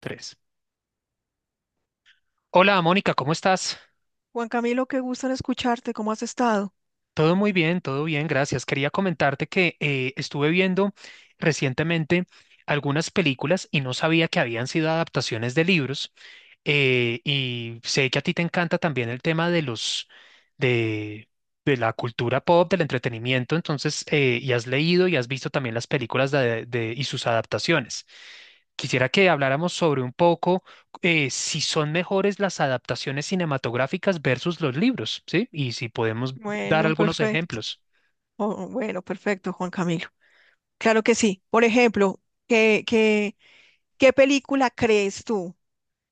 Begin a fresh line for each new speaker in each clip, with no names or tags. Tres. Hola, Mónica, ¿cómo estás?
Juan Camilo, qué gusto en escucharte. ¿Cómo has estado?
Todo muy bien, todo bien, gracias. Quería comentarte que estuve viendo recientemente algunas películas y no sabía que habían sido adaptaciones de libros. Y sé que a ti te encanta también el tema de de, de la cultura pop, del entretenimiento, entonces, y has leído y has visto también las películas de, y sus adaptaciones. Quisiera que habláramos sobre un poco si son mejores las adaptaciones cinematográficas versus los libros, ¿sí? Y si podemos dar
Bueno,
algunos
perfecto.
ejemplos.
Oh, bueno, perfecto, Juan Camilo. Claro que sí. Por ejemplo, ¿qué, qué, qué película crees tú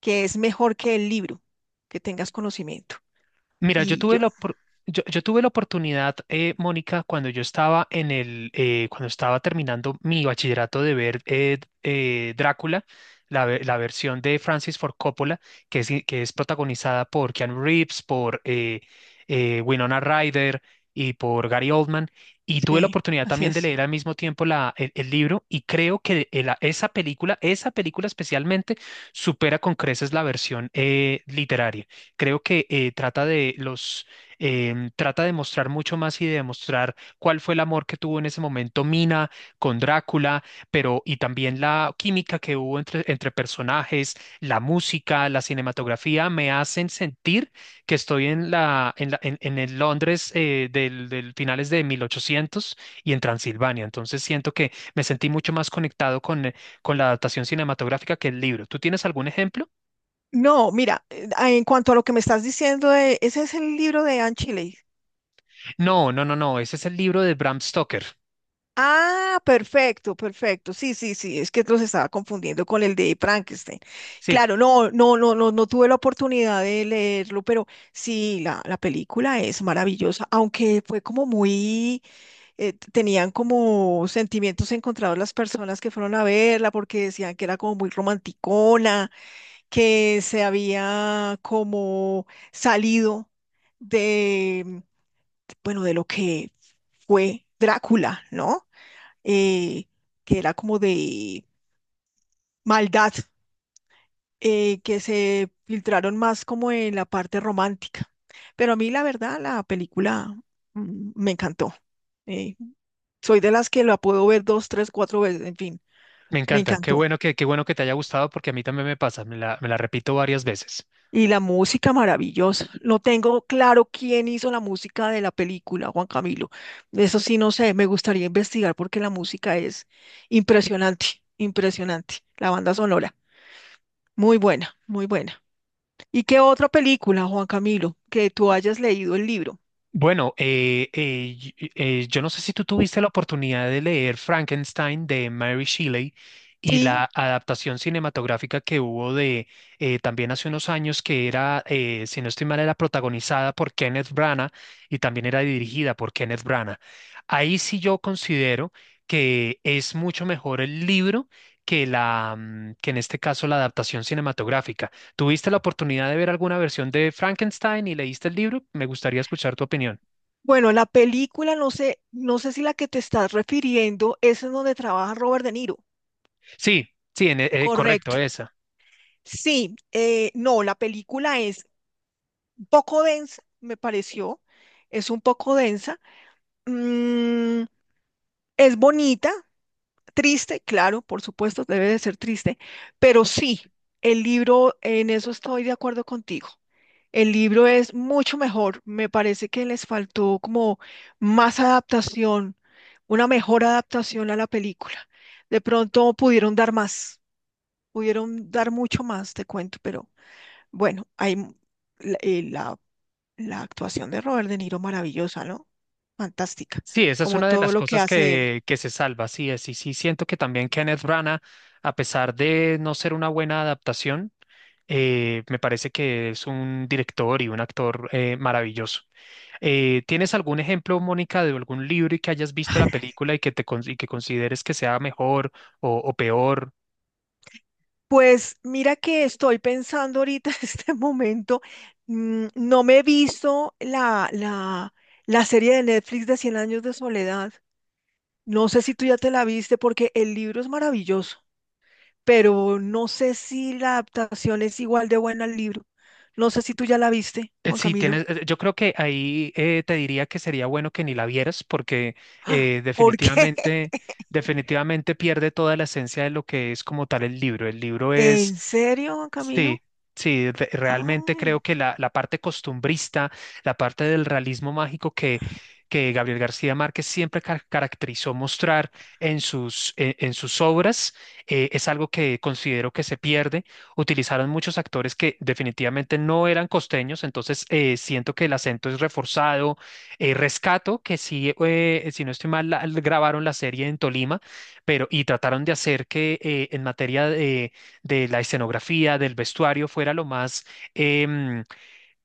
que es mejor que el libro? Que tengas conocimiento.
Mira, yo
Y
tuve
yo,
yo tuve la oportunidad, Mónica, cuando yo estaba en el, cuando estaba terminando mi bachillerato de ver Drácula, la versión de Francis Ford Coppola, que es protagonizada por Keanu Reeves, por Winona Ryder y por Gary Oldman. Y tuve la
sí,
oportunidad
así
también de
es.
leer al mismo tiempo el libro y creo que esa película especialmente, supera con creces la versión literaria. Creo que trata de mostrar mucho más y de demostrar cuál fue el amor que tuvo en ese momento Mina con Drácula, pero y también la química que hubo entre personajes, la música, la cinematografía, me hacen sentir que estoy en en el Londres del finales de 1800 y en Transilvania. Entonces siento que me sentí mucho más conectado con la adaptación cinematográfica que el libro. ¿Tú tienes algún ejemplo?
No, mira, en cuanto a lo que me estás diciendo, ese es el libro de Anne Shirley.
No, no, no, no, ese es el libro de Bram Stoker.
Ah, perfecto, perfecto. Sí, sí, sí, es que los estaba confundiendo con el de Frankenstein.
Sí,
Claro, no, no, no, no, no tuve la oportunidad de leerlo, pero sí, la película es maravillosa, aunque fue como muy, tenían como sentimientos encontrados las personas que fueron a verla, porque decían que era como muy romanticona, que se había como salido de, bueno, de lo que fue Drácula, ¿no? eh, que era como de maldad. Que se filtraron más como en la parte romántica. Pero a mí la verdad la película me encantó. Eh, Soy de las que la puedo ver dos, tres, cuatro veces, en fin,
me
me
encanta.
encantó.
Qué bueno que te haya gustado porque a mí también me pasa. Me la repito varias veces.
Y la música maravillosa. No tengo claro quién hizo la música de la película, Juan Camilo. Eso sí, no sé, me gustaría investigar porque la música es impresionante, impresionante. La banda sonora, muy buena, muy buena. ¿Y qué otra película, Juan Camilo, que tú hayas leído el libro?
Bueno, yo no sé si tú tuviste la oportunidad de leer Frankenstein de Mary Shelley y
Sí,
la adaptación cinematográfica que hubo de también hace unos años que era, si no estoy mal, era protagonizada por Kenneth Branagh y también era dirigida por Kenneth Branagh. Ahí sí yo considero que es mucho mejor el libro que que en este caso la adaptación cinematográfica. ¿Tuviste la oportunidad de ver alguna versión de Frankenstein y leíste el libro? Me gustaría escuchar tu opinión.
bueno, la película, no sé si la que te estás refiriendo es en donde trabaja Robert De Niro.
Sí, sí, en correcto,
Correcto.
esa.
Sí, no, la película es un poco densa, me pareció, es un poco densa. Mm, es bonita, triste, claro, por supuesto, debe de ser triste, pero sí, el libro, en eso estoy de acuerdo contigo. El libro es mucho mejor. Me parece que les faltó como más adaptación, una mejor adaptación a la película. De pronto pudieron dar más, pudieron dar mucho más, te cuento, pero bueno, hay m- la, la- la actuación de Robert De Niro maravillosa, ¿no? Fantástica,
Sí, esa es
como
una de
todo
las
lo que
cosas
hace él.
que se salva, sí, es, y sí siento que también Kenneth Branagh, a pesar de no ser una buena adaptación, me parece que es un director y un actor maravilloso. ¿Tienes algún ejemplo, Mónica, de algún libro y que hayas visto la película y que te y que consideres que sea mejor o peor?
Pues mira que estoy pensando ahorita en este momento, no me he visto la serie de Netflix de Cien años de soledad. No sé si tú ya te la viste porque el libro es maravilloso, pero no sé si la adaptación es igual de buena al libro. No sé si tú ya la viste, Juan
Sí,
Camilo.
tienes, yo creo que ahí te diría que sería bueno que ni la vieras porque
¡Ah!
eh,
¿Por qué?
definitivamente, definitivamente pierde toda la esencia de lo que es como tal el libro. El libro es
¿En serio, Juan
sí,
Camilo?
sí, realmente creo
Ay,
que la parte costumbrista, la parte del realismo mágico que Gabriel García Márquez siempre caracterizó mostrar en en sus obras, es algo que considero que se pierde. Utilizaron muchos actores que definitivamente no eran costeños, entonces siento que el acento es reforzado. Rescato que sí, si no estoy mal, grabaron la serie en Tolima, pero y trataron de hacer que en materia de la escenografía, del vestuario, fuera lo más em,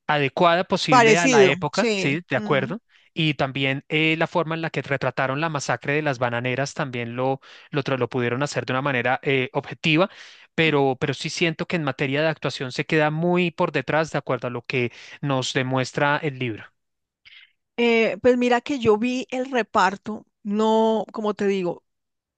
adecuada posible a la
parecido,
época, ¿sí?
sí.
De
Mm.
acuerdo. Y también la forma en la que retrataron la masacre de las bananeras también lo pudieron hacer de una manera objetiva, pero sí siento que en materia de actuación se queda muy por detrás de acuerdo a lo que nos demuestra el libro.
Pues mira que yo vi el reparto, no, como te digo,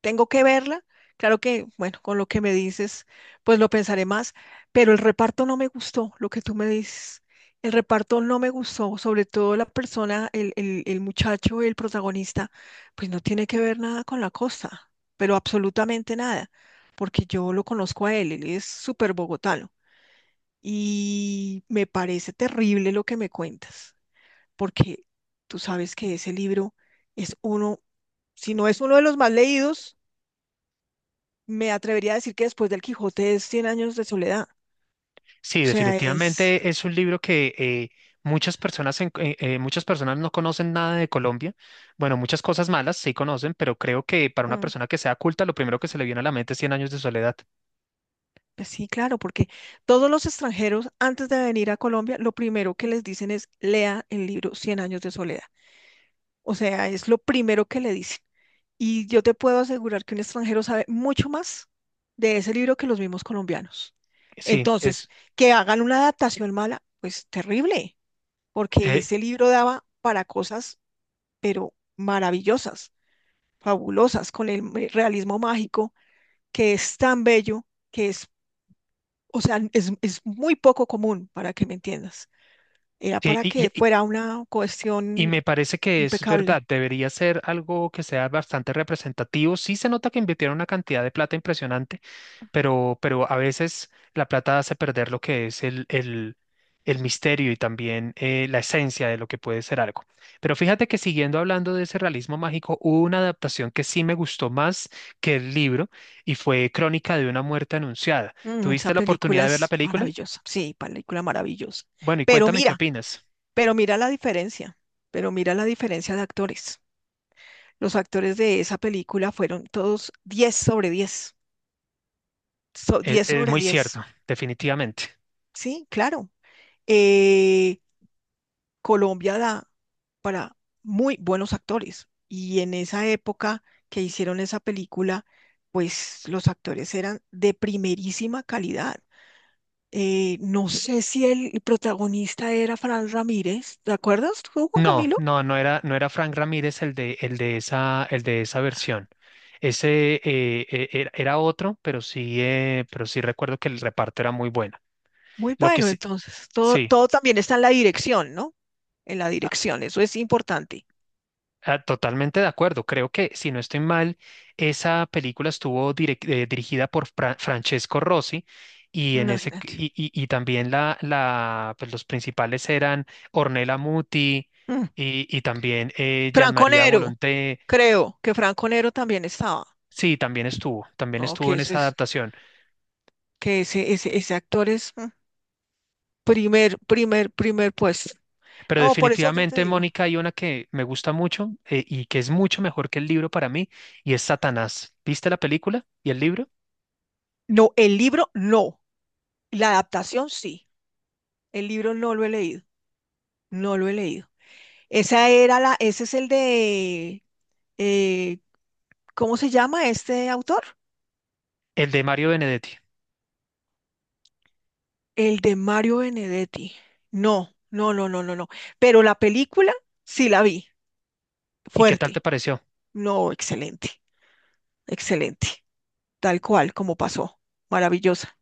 tengo que verla. Claro que, bueno, con lo que me dices, pues lo pensaré más, pero el reparto no me gustó, lo que tú me dices. El reparto no me gustó, sobre todo la persona, el muchacho, el protagonista, pues no tiene que ver nada con la costa, pero absolutamente nada, porque yo lo conozco a él, él es súper bogotano y me parece terrible lo que me cuentas, porque tú sabes que ese libro es uno, si no es uno de los más leídos, me atrevería a decir que después del Quijote es Cien años de soledad.
Sí,
O sea, es,
definitivamente es un libro que muchas personas muchas personas no conocen nada de Colombia. Bueno, muchas cosas malas sí conocen, pero creo que para una
mm,
persona que sea culta, lo primero que se le viene a la mente es Cien años de soledad.
pues sí, claro, porque todos los extranjeros antes de venir a Colombia, lo primero que les dicen es lea el libro Cien años de soledad. O sea, es lo primero que le dicen. Y yo te puedo asegurar que un extranjero sabe mucho más de ese libro que los mismos colombianos.
Sí,
Entonces,
es.
que hagan una adaptación mala, pues terrible, porque
eh,
ese libro daba para cosas, pero maravillosas, fabulosas con el realismo mágico, que es tan bello, que es, o sea, es muy poco común, para que me entiendas. Era
y,
para que
y-
fuera una
Y
cuestión
me parece que es verdad,
impecable.
debería ser algo que sea bastante representativo. Sí se nota que invirtieron una cantidad de plata impresionante, pero a veces la plata hace perder lo que es el misterio y también la esencia de lo que puede ser algo. Pero fíjate que siguiendo hablando de ese realismo mágico, hubo una adaptación que sí me gustó más que el libro y fue Crónica de una muerte anunciada.
Esa
¿Tuviste la
película
oportunidad de ver la
es
película?
maravillosa, sí, película maravillosa.
Bueno, y
Pero
cuéntame qué
mira,
opinas.
pero mira la diferencia, pero mira la diferencia de actores. Los actores de esa película fueron todos diez sobre 10 10
Es
sobre
muy
diez,
cierto, definitivamente.
sí, claro. Eh, Colombia da para muy buenos actores. Y en esa época que hicieron esa película, pues los actores eran de primerísima calidad. No sé si el protagonista era Fran Ramírez, ¿te acuerdas tú, Juan
No,
Camilo?
no, no era, no era Frank Ramírez el de esa versión. Ese era, era otro, pero sí recuerdo que el reparto era muy bueno.
Muy
Lo que
bueno,
sí,
entonces, todo,
sí.
todo también está en la dirección, ¿no? En la dirección, eso es importante.
Ah, totalmente de acuerdo. Creo que, si no estoy mal, esa película estuvo dirigida por Francesco Rossi y,
Imagínate.
y también pues los principales eran Ornella Muti
Mm.
y también
Franco
Gianmaria
Nero,
Volonté.
creo que Franco Nero también estaba,
Sí, también
¿no?
estuvo
Que
en
eso
esa
es,
adaptación.
que ese actor es, primer puesto.
Pero
No, por eso te
definitivamente,
digo.
Mónica, hay una que me gusta mucho y que es mucho mejor que el libro para mí y es Satanás. ¿Viste la película y el libro?
No, el libro no. La adaptación sí. El libro no lo he leído. No lo he leído. Ese es el de, eh, ¿cómo se llama este autor?
El de Mario Benedetti.
El de Mario Benedetti. No, no, no, no, no, no. Pero la película sí la vi.
¿Y qué tal te
Fuerte.
pareció?
No, excelente, excelente. Tal cual como pasó. Maravillosa.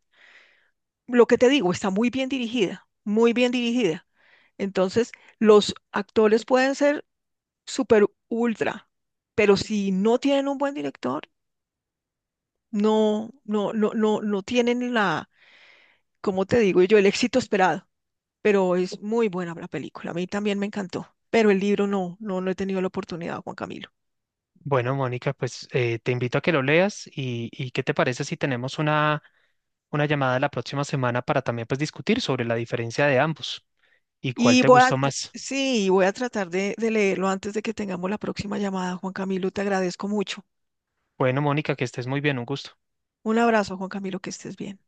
Lo que te digo, está muy bien dirigida, muy bien dirigida. Entonces, los actores pueden ser super ultra, pero si no tienen un buen director, no, no, no, no, no tienen la, como te digo yo, el éxito esperado. Pero es muy buena la película. A mí también me encantó. Pero el libro no, no, no he tenido la oportunidad, Juan Camilo.
Bueno, Mónica, pues te invito a que lo leas y ¿qué te parece si tenemos una llamada la próxima semana para también pues discutir sobre la diferencia de ambos y cuál
Y
te
voy a,
gustó más?
sí, voy a tratar de, leerlo antes de que tengamos la próxima llamada, Juan Camilo. Te agradezco mucho.
Bueno, Mónica, que estés muy bien, un gusto.
Un abrazo, Juan Camilo, que estés bien.